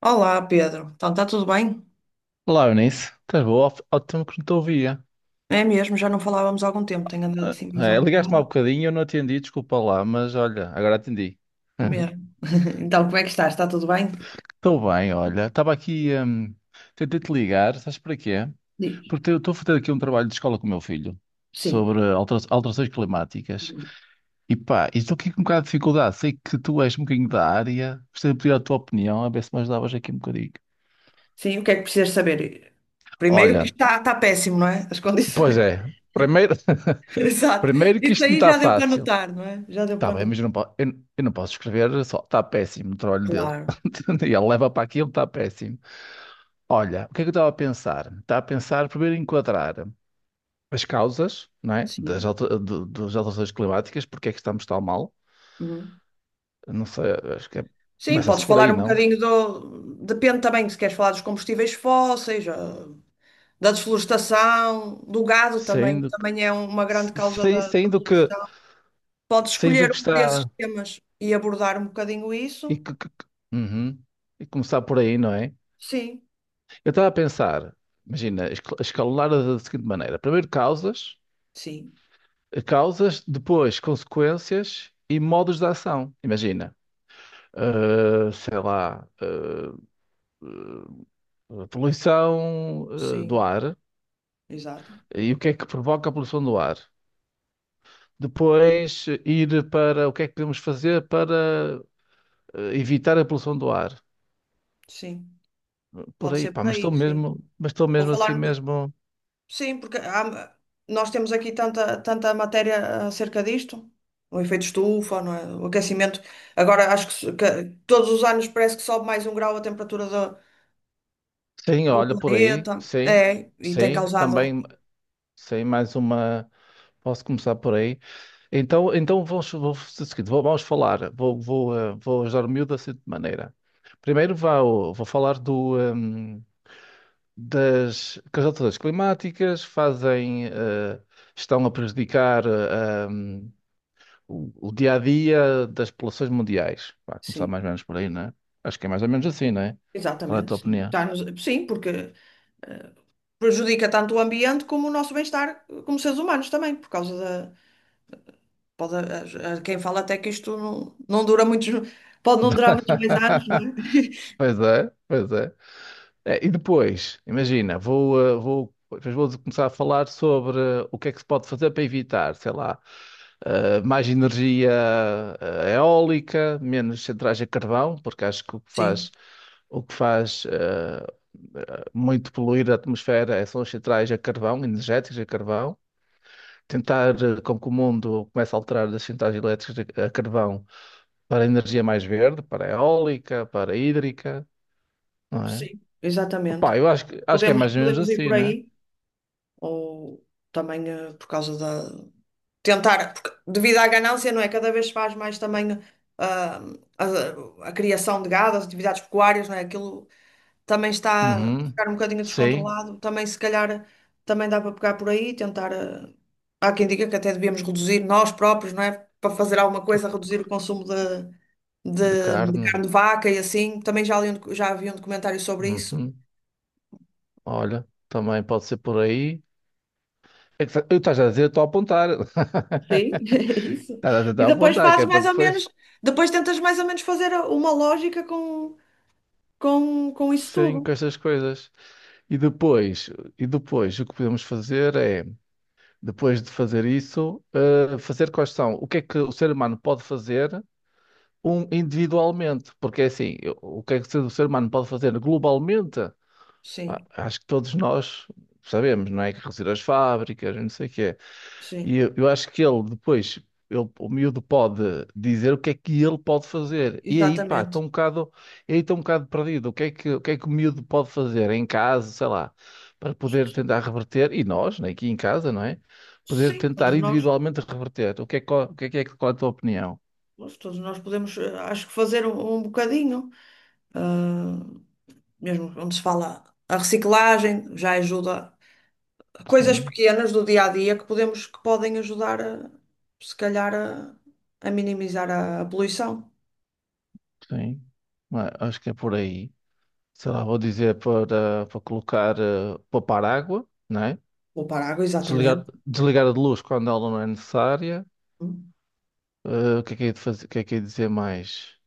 Olá, Pedro. Então, está tudo bem? Olá, Eunice. Estás boa? Há tempo que não te ouvia. É mesmo, já não falávamos há algum tempo, tenho andado Ah, assim mais é, ligaste-me há ocupada. bocadinho, eu não atendi, desculpa lá, mas olha, agora atendi. Uhum. Mesmo. Então, como é que estás? Está tudo bem? Estou bem, olha. Estava aqui, tentei-te ligar, sabes para quê? Diz. Porque eu estou a fazer aqui um trabalho de escola com o meu filho Sim. sobre alterações climáticas. E pá, e estou aqui com um bocado de dificuldade. Sei que tu és um bocadinho da área, gostaria de pedir a tua opinião, a ver se me ajudavas aqui um bocadinho. Sim, o que é que precisas saber? Primeiro que Olha, está péssimo, não é? As pois condições. é. Primeiro, Exato. primeiro que Isso isto não aí está já deu para fácil. notar, não é? Já deu Tá para bem, mas notar. eu não, eu não posso escrever só. Está péssimo o trabalho dele. Claro. E ele leva para aquilo, está péssimo. Olha, o que é que eu estava a pensar? Estava a pensar primeiro em enquadrar as causas, não é? Das, Sim. alter- do- das alterações climáticas, porque é que estamos tão mal? Uhum. Eu não sei, acho que Sim, começa-se podes por falar aí, um não? bocadinho do. Depende também se queres falar dos combustíveis fósseis, da S- desflorestação, do gado também, que Sendo, que- também é uma se- grande causa sem- da poluição. Pode sendo escolher que um desses está. temas e abordar um bocadinho E, isso? que, que- que- Uhum. E começar por aí, não é? Sim, Eu estava a pensar, imagina, escalonar da seguinte maneira: primeiro causas. sim, Causas, depois consequências e modos de ação. Imagina, sei lá, poluição, do sim, ar exato. e o que é que provoca a poluição do ar. Depois ir para o que é que podemos fazer para evitar a poluição do ar. Sim, Por pode aí, ser pá, por mas estou aí, sim. mesmo, mas estou Vou mesmo falar assim um boca- mesmo. Sim, nós temos aqui tanta matéria acerca disto, o efeito estufa, não é? O aquecimento. Agora acho que, que todos os anos parece que sobe mais um grau a temperatura do, Sim, do olha, por aí, planeta. sim, É, e tem sim, causado. também, sim, mais uma. Posso começar por aí. Então vamos fazer o seguinte, vamos falar, vou ajudar o miúdo da seguinte maneira. Primeiro vou falar das, que as alterações climáticas fazem, estão a prejudicar o dia a dia das populações mundiais. Vai começar Sim, mais ou menos por aí, não é? Acho que é mais ou menos assim, não é? Qual é a exatamente, tua sim. opinião? Sim, porque. eh, Prejudica tanto o ambiente como o nosso bem-estar como seres humanos também, por causa da. Quem fala até que isto não dura muitos. Pode não durar muitos mais anos, não é? Pois é, pois é. É, e depois, imagina, vou, depois vou começar a falar sobre o que é que se pode fazer para evitar, sei lá, mais energia eólica, menos centrais a carvão, porque acho que o que Sim, faz, o que faz eh, muito poluir a atmosfera são as centrais a carvão, energéticas a carvão. Tentar com que o mundo comece a alterar das centrais elétricas a carvão para energia mais verde, para eólica, para hídrica, não é? sim, exatamente. Opa, eu acho que, é Podemos, mais ou menos podemos ir assim, por né? aí, ou também por causa da. Tentar, porque devido à ganância, não é? Cada vez se faz mais também ah, a criação de gado, as atividades pecuárias, não é? Aquilo também está a Uhum. ficar um bocadinho Sim, descontrolado. Também, se calhar, também dá para pegar por aí e tentar. Há quem diga que até devíamos reduzir nós próprios, não é? Para fazer alguma coisa, reduzir o consumo de de, de carne. carne de vaca e assim. Também já li um já havia um documentário sobre isso. Uhum. Olha, também pode ser por aí. É que eu estás a dizer, estou a apontar. Sim, é isso. Estás a E tentar depois apontar, que é fazes para mais ou depois. menos, depois tentas mais ou menos fazer uma lógica com isso Sim, tudo. com estas coisas. E depois, e depois, o que podemos fazer é, depois de fazer isso, fazer quais são, o que é que o ser humano pode fazer um, individualmente? Porque é assim, o que é que o ser humano pode fazer globalmente? Ah, Sim, acho que todos nós sabemos, não é? Que reduzir as fábricas, não sei o quê. sim, E eu acho que ele o miúdo pode dizer o que é que ele pode fazer. E aí, pá, está exatamente. um bocado, e aí está um bocado perdido. O que é que o miúdo pode fazer em casa, sei lá, para poder tentar reverter, e nós, né, aqui em casa, não é? Poder Sim, tentar todos nós, individualmente reverter. O que é- qual é a tua opinião? Todos nós podemos, acho que fazer um bocadinho. ah, Mesmo onde se fala a reciclagem, já ajuda coisas Sim, pequenas do dia a dia que podemos, que podem ajudar a, se calhar a minimizar a poluição. sim. Ah, acho que é por aí. Sei lá, vou dizer para colocar, poupar água, não é? Poupar água, exatamente. Desligar a luz quando ela não é necessária. Hum. O que é de fazer, o que é de dizer mais?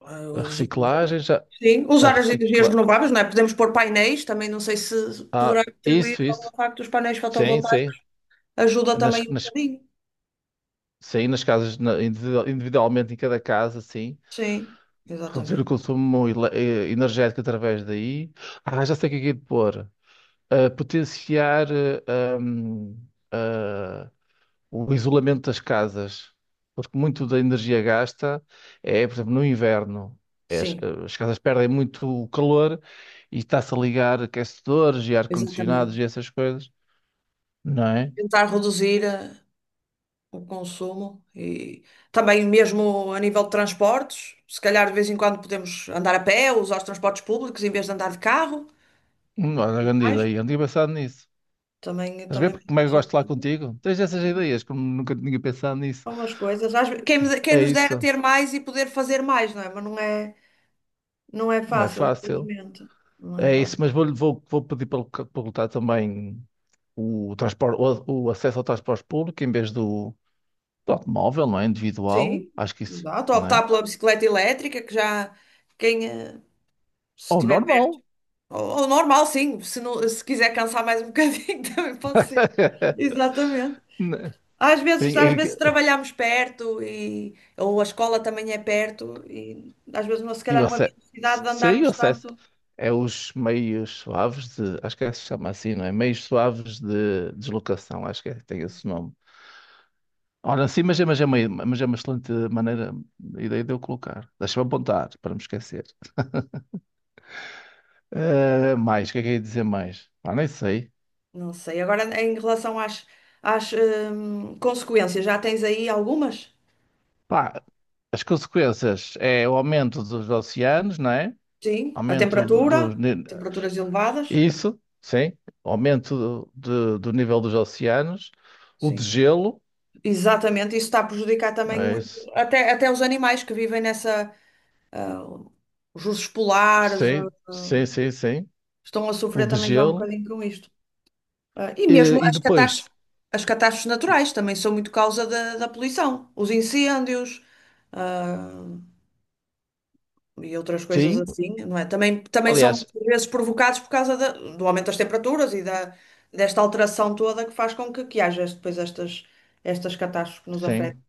Ah, A usar. reciclagem já, Sim, a usar as energias recicla, renováveis, não é? Podemos pôr painéis, também não sei se ah, poderá contribuir isso, ao isso, facto dos painéis sim, fotovoltaicos, sim, ajuda nas, também um nas, bocadinho. sim, nas casas, individualmente em cada casa, sim. Sim, Reduzir o exatamente. consumo energético através daí. Ah, já sei o que é de pôr. Potenciar, hum, o isolamento das casas, porque muito da energia gasta é, por exemplo, no inverno, é as, Sim, as casas perdem muito o calor e está-se a ligar aquecedores e ar-condicionados exatamente. e essas coisas, não é? Tentar reduzir a o consumo e também mesmo a nível de transportes, se calhar de vez em quando podemos andar a pé usar os transportes públicos em vez de andar de carro Olha, e grande mais. ideia, não tinha pensado nisso. Também, Estás a ver também porque como é que eu podemos gosto de lá optar por contigo? Tens essas ideias, como nunca tinha pensado nisso. umas coisas. Às ve- Quem, me- de- Quem É nos dera isso, ter mais e poder fazer mais, não é? Não é não é fácil, fácil. infelizmente. Não é É isso, fácil. mas vou, vou pedir para, para lutar também o, transporte, o acesso ao transporte público em vez de automóvel, não é? Individual, Sim, acho que isso, dá. não é? Optar pela bicicleta elétrica, que já quem se Ou estiver normal. perto. Ou normal, sim. Se quiser cansar mais um bocadinho, também pode ser. Exatamente. Né? Às vezes, às E- vezes e- trabalhamos perto e, ou a escola também é perto e às vezes não, se e calhar o não havia acesso, necessidade de sim, o andarmos acesso tanto. é os meios suaves de, acho que é, se chama assim, não é? Meios suaves de deslocação, acho que é, tem esse nome. Ora, sim, mas é, mas é uma excelente maneira, ideia de eu colocar. Deixa-me apontar, para me esquecer. Mais, o que é que eu ia dizer mais? Pá, nem sei. Não sei. Agora, em relação às, às consequências, já tens aí algumas? Pá, as consequências é o aumento dos oceanos, não é? Sim. A Aumento temperatura, do, ni- temperaturas elevadas. isso, sim, aumento do nível dos oceanos, o de Sim. gelo, Exatamente. Isso está a prejudicar também é muito, isso, até os animais que vivem nessa, ah, os ursos polares, sim, sim, sim, sim, estão a o sofrer de também já um gelo, bocadinho com isto. Ah, e mesmo e, e depois, as catástrofes naturais também são muito causa da poluição, os incêndios, ah, e outras coisas sim, assim, não é? Também, também são aliás, muitas vezes provocados por causa do aumento das temperaturas e da, desta alteração toda que faz com que haja depois estas, estas catástrofes que nos afetam. sim,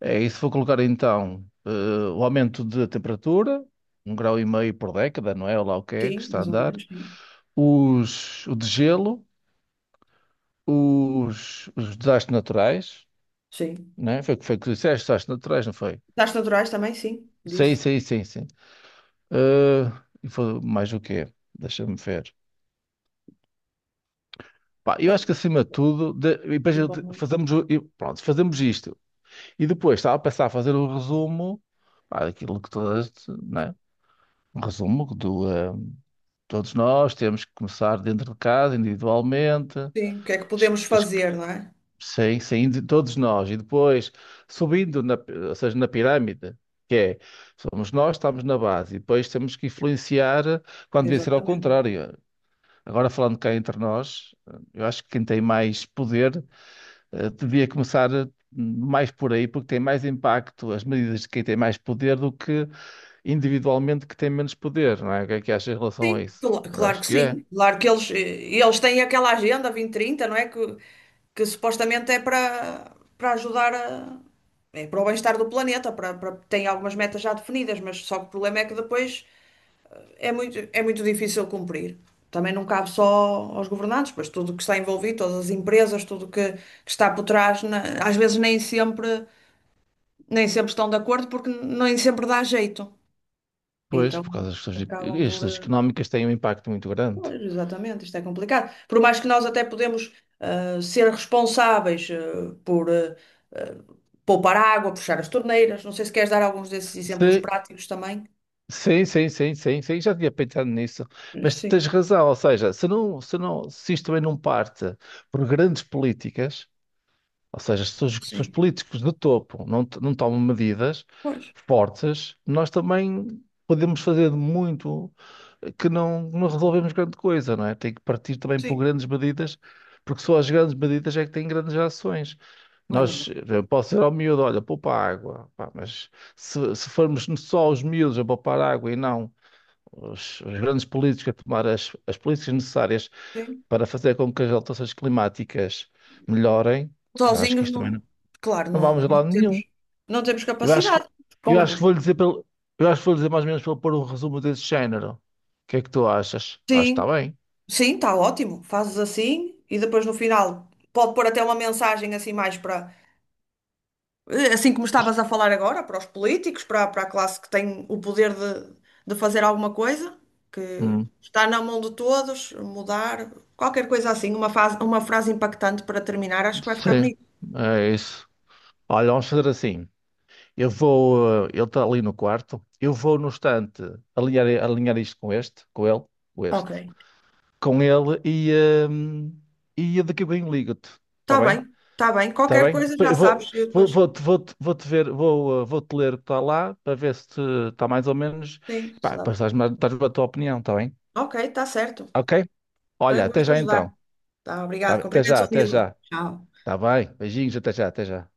é isso. Vou colocar então o aumento de temperatura, um grau e meio por década, não é? Ou lá o que é que Sim, está a mais ou andar, menos, sim. os, o de gelo, os desastres naturais, Sim. não é? Foi o que foi que tu disseste, desastres naturais, não foi? Catástrofes naturais também, sim, Sim, disse. sim, sim, sim. Ah, e foi mais o quê? Deixa-me ver. Pá, eu Ah, acho que acima de tudo, e depois eu principalmente. fazemos, e pronto, fazemos isto. E depois estava a pensar a fazer o resumo, pá, daquilo que todas, né? Um resumo todos nós temos que começar dentro de casa, individualmente, Sim, o que é que es- podemos es- fazer, não é? sem, sem indi- todos nós. E depois subindo, ou seja, na pirâmide, que é, somos nós, estamos na base. E depois temos que influenciar, quando devia ser ao Exatamente. contrário. Agora falando cá entre nós, eu acho que quem tem mais poder, devia começar mais por aí, porque tem mais impacto as medidas de quem tem mais poder do que individualmente que tem menos poder, não é? O que é que achas em relação a Sim, isso? Eu claro acho que que é. sim. Claro que eles, eles têm aquela agenda 2030 não é? Que supostamente é para ajudar a, é para o bem-estar do planeta, tem algumas metas já definidas, mas só que o problema é que depois é muito difícil cumprir. Também não cabe só aos governantes, pois tudo que está envolvido, todas as empresas, tudo que está por trás, às vezes nem sempre, nem sempre estão de acordo porque nem sempre dá jeito. Pois, Então por causa das questões, acabam as questões por. económicas têm um impacto muito grande. Pois, exatamente, isto é complicado. Por mais que nós até podemos ser responsáveis ah, poupar água, puxar as torneiras. Não sei se queres dar alguns desses exemplos Se- práticos também. Sim, sim, sim, sim, sim, já tinha pensado nisso. Mas tu tens Sim, razão, ou seja, se não, se isto também não parte por grandes políticas. Ou seja, se os sim. políticos de topo não tomam medidas Pois, fortes, nós também podemos fazer de muito que não resolvemos grande coisa, não é? Tem que partir também por sim, grandes medidas, porque só as grandes medidas é que têm grandes ações. é Nós, verdade. eu posso dizer ao miúdo, olha, poupa água, pá, mas se formos só os miúdos a poupar água e não os grandes políticos a tomar as políticas necessárias Sim. para fazer com que as alterações climáticas melhorem, eu acho que Sozinhos isto também não, claro, não vamos a não lado nenhum. temos, não temos Eu acho que, capacidade. eu acho que Com- vou lhe Eu acho que vou lhe dizer mais ou menos para ele pôr um resumo desse género. O que é que tu achas? Acho que sim, está bem. sim, está ótimo. Fazes assim e depois no final pode pôr até uma mensagem assim mais para assim como estavas a falar agora, para os políticos, para a classe que tem o poder de fazer alguma coisa, que Hum, está na mão de todos, mudar, qualquer coisa assim, uma fase, uma frase impactante para terminar, acho que vai ficar sim, bonito. é isso. Olha, vamos fazer assim. Ele está ali no quarto. Eu vou no estante alinhar isto com este, com ele, com Ok. este, com ele hum, e daqui a bem ligo-te. Está Está bem? bem, está bem. Está Qualquer bem? coisa já Eu vou, sabes, eu vou, depois. vou, vou-te vou-te ver, vou-te ler o que está lá para ver se está mais ou menos. Sim, Pá, se dá. depois estás-me a dás-me a tua opinião, está bem? Ok, está certo. Ok? Foi Olha, um até gosto já ajudar. então. Tá, Tá obrigado. bem? Até Cumprimentos já, ao até Nilo. já. Tchau. Está bem? Beijinhos, até já, até já.